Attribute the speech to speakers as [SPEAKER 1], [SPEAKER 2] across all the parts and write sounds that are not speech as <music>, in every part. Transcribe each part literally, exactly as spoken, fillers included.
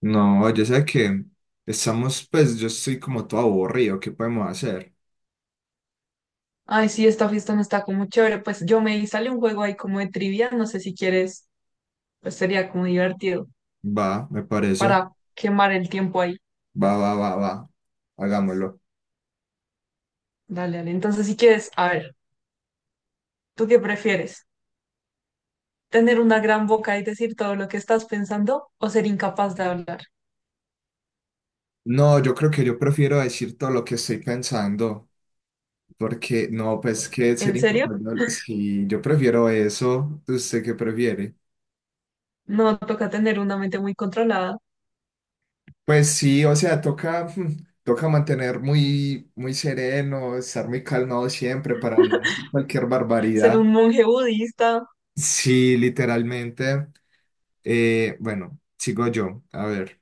[SPEAKER 1] No, yo sé que estamos, pues yo estoy como todo aburrido, ¿qué podemos hacer?
[SPEAKER 2] Ay, sí, esta fiesta no está como chévere. Pues yo me vi, sale un juego ahí como de trivia, no sé si quieres, pues sería como divertido
[SPEAKER 1] Va, me parece,
[SPEAKER 2] para quemar el tiempo ahí.
[SPEAKER 1] va, va, va, va, hagámoslo.
[SPEAKER 2] Dale, dale. Entonces, si quieres, a ver, ¿tú qué prefieres? ¿Tener una gran boca y decir todo lo que estás pensando o ser incapaz de hablar?
[SPEAKER 1] No, yo creo que yo prefiero decir todo lo que estoy pensando, porque no, pues que ser
[SPEAKER 2] ¿En serio?
[SPEAKER 1] incapaz de hablar- sí, yo prefiero eso, ¿usted qué prefiere?
[SPEAKER 2] No, toca tener una mente muy controlada,
[SPEAKER 1] Pues sí, o sea, toca, <laughs> mm, toca mantener muy, muy sereno, estar muy calmado siempre para no hacer cualquier
[SPEAKER 2] ser
[SPEAKER 1] barbaridad.
[SPEAKER 2] un monje budista.
[SPEAKER 1] Sí, literalmente. Eh, bueno, sigo yo. A ver,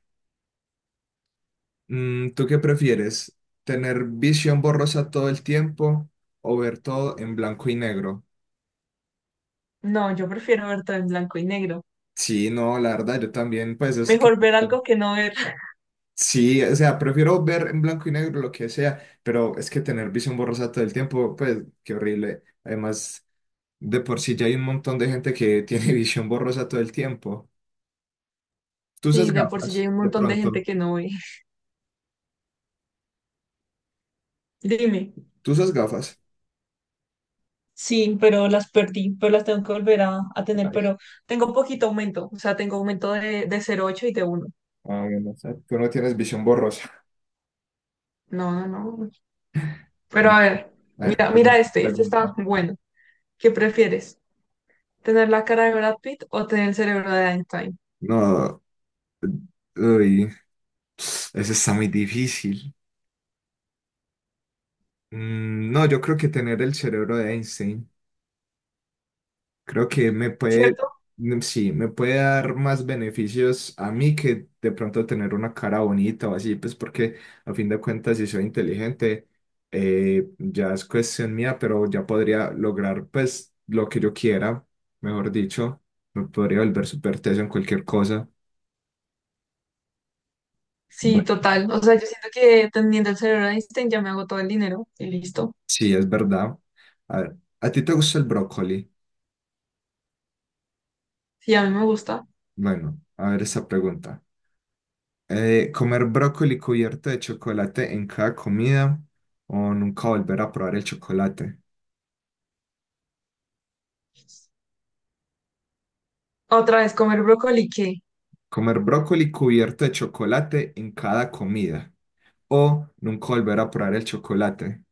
[SPEAKER 1] mm, ¿tú qué prefieres? ¿Tener visión borrosa todo el tiempo o ver todo en blanco y negro?
[SPEAKER 2] No, yo prefiero ver todo en blanco y negro.
[SPEAKER 1] Sí, no, la verdad, yo también, pues es que.
[SPEAKER 2] Mejor ver algo que no ver. <laughs>
[SPEAKER 1] Sí, o sea, prefiero ver en blanco y negro lo que sea, pero es que tener visión borrosa todo el tiempo, pues qué horrible. Además, de por sí ya hay un montón de gente que tiene <laughs> visión borrosa todo el tiempo. Tú
[SPEAKER 2] Sí,
[SPEAKER 1] usas
[SPEAKER 2] de por sí ya hay
[SPEAKER 1] gafas,
[SPEAKER 2] un
[SPEAKER 1] de
[SPEAKER 2] montón de gente
[SPEAKER 1] pronto.
[SPEAKER 2] que no ve. Dime.
[SPEAKER 1] Tú usas gafas.
[SPEAKER 2] Sí, pero las perdí, pero las tengo que volver a, a tener,
[SPEAKER 1] Ay,
[SPEAKER 2] pero tengo poquito aumento, o sea, tengo aumento de, de cero coma ocho y de uno.
[SPEAKER 1] ah, bueno, o sea, tú no tienes visión borrosa.
[SPEAKER 2] No, no, no. Pero a ver,
[SPEAKER 1] A ver,
[SPEAKER 2] mira, mira
[SPEAKER 1] pregunta,
[SPEAKER 2] este, este está
[SPEAKER 1] pregunta.
[SPEAKER 2] bueno. ¿Qué prefieres? ¿Tener la cara de Brad Pitt o tener el cerebro de Einstein?
[SPEAKER 1] No, uy, eso está muy difícil. Mm, no, yo creo que tener el cerebro de Einstein, creo que me puede,
[SPEAKER 2] ¿Cierto?
[SPEAKER 1] mm, sí, me puede dar más beneficios a mí que de pronto tener una cara bonita o así, pues porque a fin de cuentas si soy inteligente, eh, ya es cuestión mía, pero ya podría lograr pues lo que yo quiera, mejor dicho, me podría volver súper teso en cualquier cosa.
[SPEAKER 2] Sí, total. O sea, yo siento que teniendo el cerebro de Einstein ya me hago todo el dinero y listo.
[SPEAKER 1] Sí, es verdad. A ver, ¿a ti te gusta el brócoli?
[SPEAKER 2] Sí, a mí me gusta.
[SPEAKER 1] Bueno, a ver esa pregunta. Eh, ¿comer brócoli cubierto de chocolate en cada comida o nunca volver a probar el chocolate?
[SPEAKER 2] Otra vez, comer brócoli, ¿qué?
[SPEAKER 1] ¿Comer brócoli cubierto de chocolate en cada comida o nunca volver a probar el chocolate?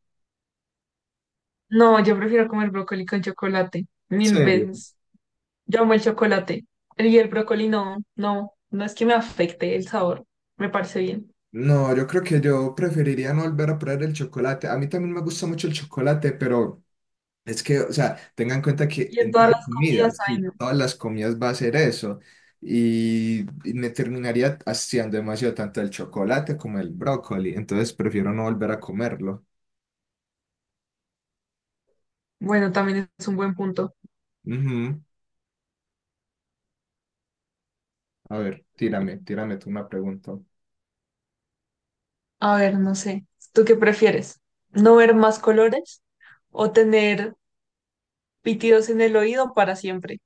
[SPEAKER 2] No, yo prefiero comer brócoli con chocolate, mil
[SPEAKER 1] ¿Serio?
[SPEAKER 2] veces. Yo amo el chocolate. Y el brócoli no, no, no es que me afecte el sabor. Me parece bien.
[SPEAKER 1] No, yo creo que yo preferiría no volver a probar el chocolate. A mí también me gusta mucho el chocolate, pero es que, o sea, tengan en cuenta que
[SPEAKER 2] Y en
[SPEAKER 1] en
[SPEAKER 2] todas
[SPEAKER 1] cada
[SPEAKER 2] las
[SPEAKER 1] comida,
[SPEAKER 2] comidas, ay,
[SPEAKER 1] sí,
[SPEAKER 2] no.
[SPEAKER 1] todas las comidas va a ser eso. Y, y me terminaría haciendo demasiado tanto el chocolate como el brócoli. Entonces prefiero no volver a comerlo.
[SPEAKER 2] Bueno, también es un buen punto.
[SPEAKER 1] Ujú. A ver, tírame, tírame tú una pregunta.
[SPEAKER 2] A ver, no sé. ¿Tú qué prefieres? ¿No ver más colores o tener pitidos en el oído para siempre?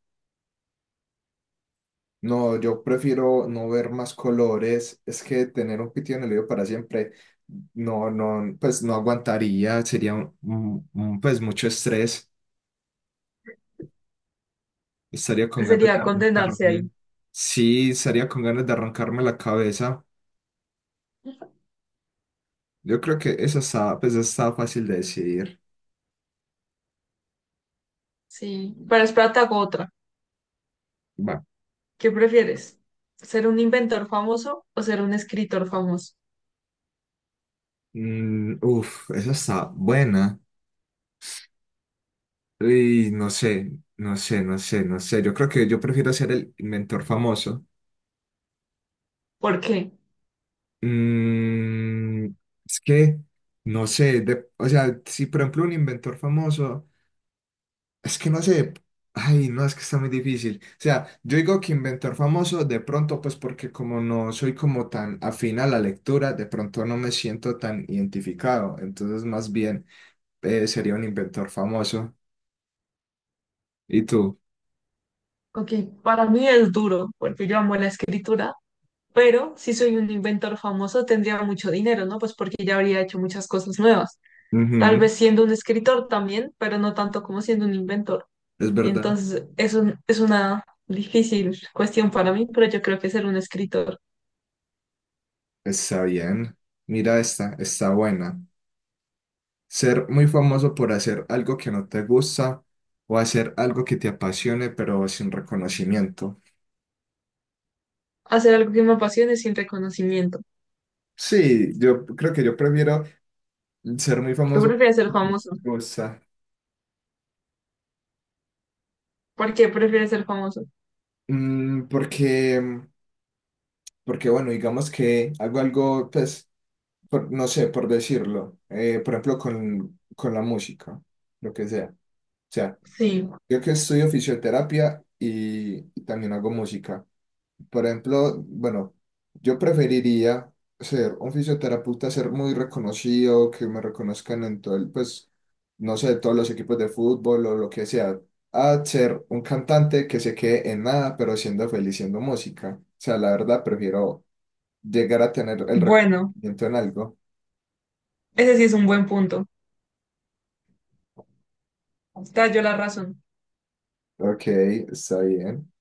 [SPEAKER 1] No, yo prefiero no ver más colores. Es que tener un pitido en el oído para siempre, no, no, pues no aguantaría. Sería un, un- un, pues mucho estrés. Estaría con ganas
[SPEAKER 2] Sería
[SPEAKER 1] de
[SPEAKER 2] condenarse
[SPEAKER 1] arrancarme.
[SPEAKER 2] ahí.
[SPEAKER 1] Sí, estaría con ganas de arrancarme la cabeza. Yo creo que esa está, pues está fácil de decidir.
[SPEAKER 2] Sí. Pero espérate, hago otra.
[SPEAKER 1] Va.
[SPEAKER 2] ¿Qué prefieres? ¿Ser un inventor famoso o ser un escritor famoso?
[SPEAKER 1] Mm, uf, esa está buena. Y no sé, no sé, no sé, no sé. Yo creo que yo prefiero ser el mentor famoso.
[SPEAKER 2] ¿Por qué?
[SPEAKER 1] Mm, es que, no sé, de- o sea, si por ejemplo un inventor famoso. Es que no sé, ay, no, es que está muy difícil. O sea, yo digo que inventor famoso, de pronto, pues porque como no soy como tan afín a la lectura, de pronto no me siento tan identificado. Entonces, más bien, eh, sería un inventor famoso. ¿Y tú?
[SPEAKER 2] Ok, para mí es duro, porque yo amo la escritura. Pero si soy un inventor famoso, tendría mucho dinero, ¿no? Pues porque ya habría hecho muchas cosas nuevas. Tal
[SPEAKER 1] Ujú,
[SPEAKER 2] vez siendo un escritor también, pero no tanto como siendo un inventor.
[SPEAKER 1] es verdad.
[SPEAKER 2] Entonces, es un- es una difícil cuestión para mí, pero yo creo que ser un escritor,
[SPEAKER 1] Está bien. Mira esta, está buena. Ser muy famoso por hacer algo que no te gusta o hacer algo que te apasione, pero sin reconocimiento.
[SPEAKER 2] hacer algo que me apasione sin reconocimiento.
[SPEAKER 1] Sí, yo creo que yo prefiero ser muy
[SPEAKER 2] Yo
[SPEAKER 1] famoso,
[SPEAKER 2] prefiero ser
[SPEAKER 1] me
[SPEAKER 2] famoso.
[SPEAKER 1] gusta.
[SPEAKER 2] ¿Por qué prefieres ser famoso?
[SPEAKER 1] Mm, porque, porque, bueno, digamos que hago algo, pues, por- no sé, por decirlo. Eh, por ejemplo, con, con la música, lo que sea. O sea,
[SPEAKER 2] Sí,
[SPEAKER 1] yo que estudio fisioterapia y, y también hago música. Por ejemplo, bueno, yo preferiría ser un fisioterapeuta, ser muy reconocido, que me reconozcan en todo el, pues, no sé, todos los equipos de fútbol o lo que sea, a ser un cantante que se quede en nada, pero siendo feliz siendo música. O sea, la verdad, prefiero llegar a tener el
[SPEAKER 2] bueno,
[SPEAKER 1] reconocimiento en algo.
[SPEAKER 2] ese sí es un buen punto. Te yo la razón.
[SPEAKER 1] Ok, está bien.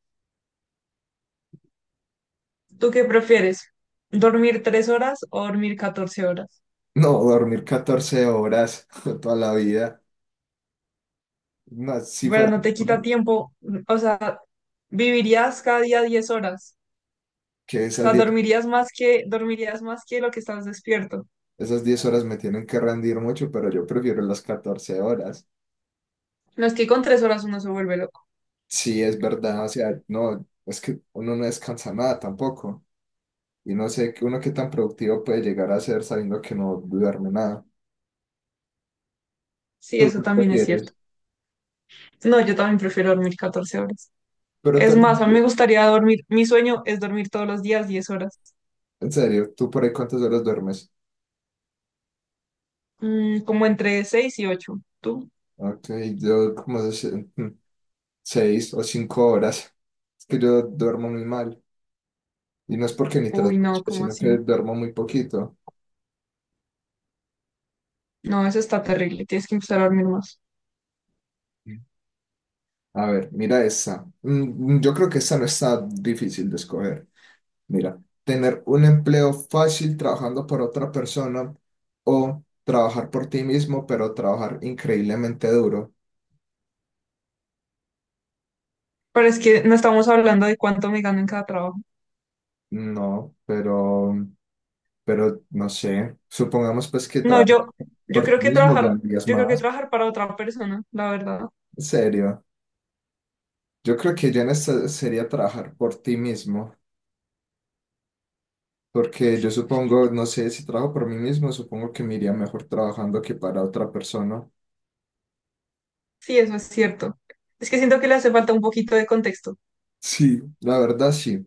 [SPEAKER 2] ¿Tú qué prefieres? ¿Dormir tres horas o dormir catorce horas?
[SPEAKER 1] No, dormir catorce horas <laughs> toda la vida. No, si
[SPEAKER 2] Pero
[SPEAKER 1] fuera
[SPEAKER 2] no te quita tiempo, o sea, vivirías cada día diez horas,
[SPEAKER 1] que
[SPEAKER 2] o
[SPEAKER 1] esas
[SPEAKER 2] sea,
[SPEAKER 1] diez.
[SPEAKER 2] dormirías más que, dormirías más que lo que estás despierto.
[SPEAKER 1] Esas diez horas me tienen que rendir mucho, pero yo prefiero las catorce horas.
[SPEAKER 2] No es que con tres horas uno se vuelve loco.
[SPEAKER 1] Sí, es verdad, o sea, no, es que uno no descansa nada tampoco. Y no sé que uno qué tan productivo puede llegar a ser sabiendo que no duerme nada.
[SPEAKER 2] Sí,
[SPEAKER 1] ¿Tú
[SPEAKER 2] eso
[SPEAKER 1] qué
[SPEAKER 2] también es cierto.
[SPEAKER 1] prefieres?
[SPEAKER 2] No, yo también prefiero dormir catorce horas.
[SPEAKER 1] Pero tú-
[SPEAKER 2] Es más, a mí me gustaría dormir, mi sueño es dormir todos los días diez horas.
[SPEAKER 1] en serio, ¿tú por ahí cuántas horas duermes?
[SPEAKER 2] Mm, como entre seis y ocho. ¿Tú?
[SPEAKER 1] Ok, yo como se- mm, seis o cinco horas. Es que yo duermo muy mal. Y no es porque ni
[SPEAKER 2] Uy,
[SPEAKER 1] trasnoche,
[SPEAKER 2] no, ¿cómo
[SPEAKER 1] sino que
[SPEAKER 2] así?
[SPEAKER 1] duermo muy poquito.
[SPEAKER 2] No, eso está terrible, tienes que empezar a dormir más.
[SPEAKER 1] A ver, mira esa. Mm, Yo creo que esa no está difícil de escoger. Mira, tener un empleo fácil trabajando por otra persona o trabajar por ti mismo, pero trabajar increíblemente duro.
[SPEAKER 2] Pero es que no estamos hablando de cuánto me gano en cada trabajo.
[SPEAKER 1] No, pero, pero no sé. Supongamos pues que
[SPEAKER 2] No,
[SPEAKER 1] trabajar
[SPEAKER 2] yo, yo
[SPEAKER 1] por
[SPEAKER 2] creo
[SPEAKER 1] ti
[SPEAKER 2] que
[SPEAKER 1] mismo
[SPEAKER 2] trabajar,
[SPEAKER 1] ganarías
[SPEAKER 2] yo creo que
[SPEAKER 1] más.
[SPEAKER 2] trabajar para otra persona, la verdad.
[SPEAKER 1] En serio. Yo creo que yo en esta sería trabajar por ti mismo. Porque yo supongo, no sé, si trabajo por mí mismo, supongo que me iría mejor trabajando que para otra persona.
[SPEAKER 2] Sí, eso es cierto. Es que siento que le hace falta un poquito de contexto.
[SPEAKER 1] Sí, la verdad sí.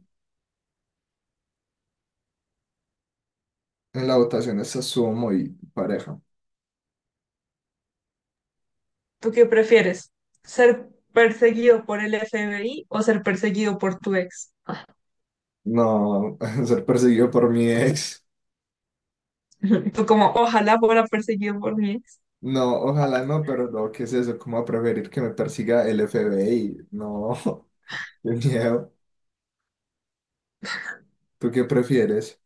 [SPEAKER 1] En la votación esta estuvo muy pareja.
[SPEAKER 2] ¿Tú qué prefieres? ¿Ser perseguido por el F B I o ser perseguido por tu ex?
[SPEAKER 1] No, <laughs> ser perseguido por mi ex.
[SPEAKER 2] <laughs> Tú como, ojalá fuera perseguido por mi ex.
[SPEAKER 1] No, ojalá no, pero no, ¿qué es eso? ¿Cómo va a preferir que me persiga el F B I? No, <laughs> qué miedo. ¿Tú qué prefieres?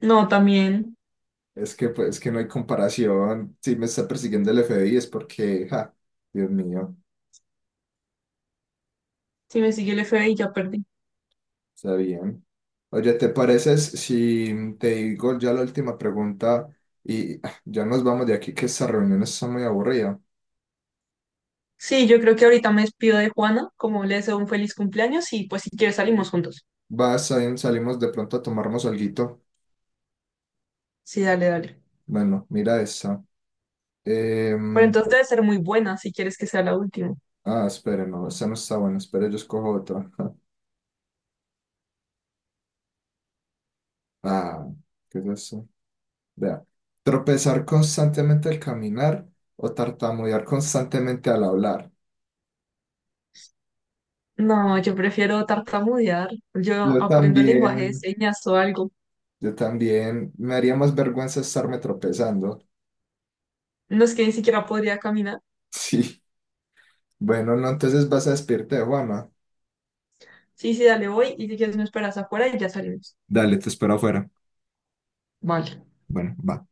[SPEAKER 2] No, también,
[SPEAKER 1] Es que pues que no hay comparación. Si me está persiguiendo el F B I es porque, ja, Dios mío,
[SPEAKER 2] si me sigue el F B I ya perdí.
[SPEAKER 1] está bien. Oye, ¿te pareces si te digo ya la última pregunta y ah, ya nos vamos de aquí que esta reunión está muy aburrida?
[SPEAKER 2] Sí, yo creo que ahorita me despido de Juana, como le deseo un feliz cumpleaños y pues si quieres salimos juntos.
[SPEAKER 1] Vas, ahí salimos de pronto a tomarnos alguito.
[SPEAKER 2] Sí, dale, dale.
[SPEAKER 1] Bueno, mira esa.
[SPEAKER 2] Pero
[SPEAKER 1] Em,
[SPEAKER 2] entonces debe ser muy buena si quieres que sea la última.
[SPEAKER 1] ah, espere, no, esa no está buena. Espere, yo escojo otra. <laughs> Ah, ¿qué es eso? Vea. Tropezar constantemente al caminar o tartamudear constantemente al hablar.
[SPEAKER 2] No, yo prefiero tartamudear. Yo
[SPEAKER 1] Yo
[SPEAKER 2] aprendo lenguaje de
[SPEAKER 1] también,
[SPEAKER 2] señas o algo.
[SPEAKER 1] yo también. Me haría más vergüenza estarme tropezando. <laughs>
[SPEAKER 2] No es que ni siquiera podría caminar.
[SPEAKER 1] Sí. Bueno, no, entonces vas a despedirte de Juana.
[SPEAKER 2] Sí, sí, dale, voy y si quieres me esperas afuera y ya salimos.
[SPEAKER 1] Dale, te espero afuera.
[SPEAKER 2] Vale.
[SPEAKER 1] Bueno, va.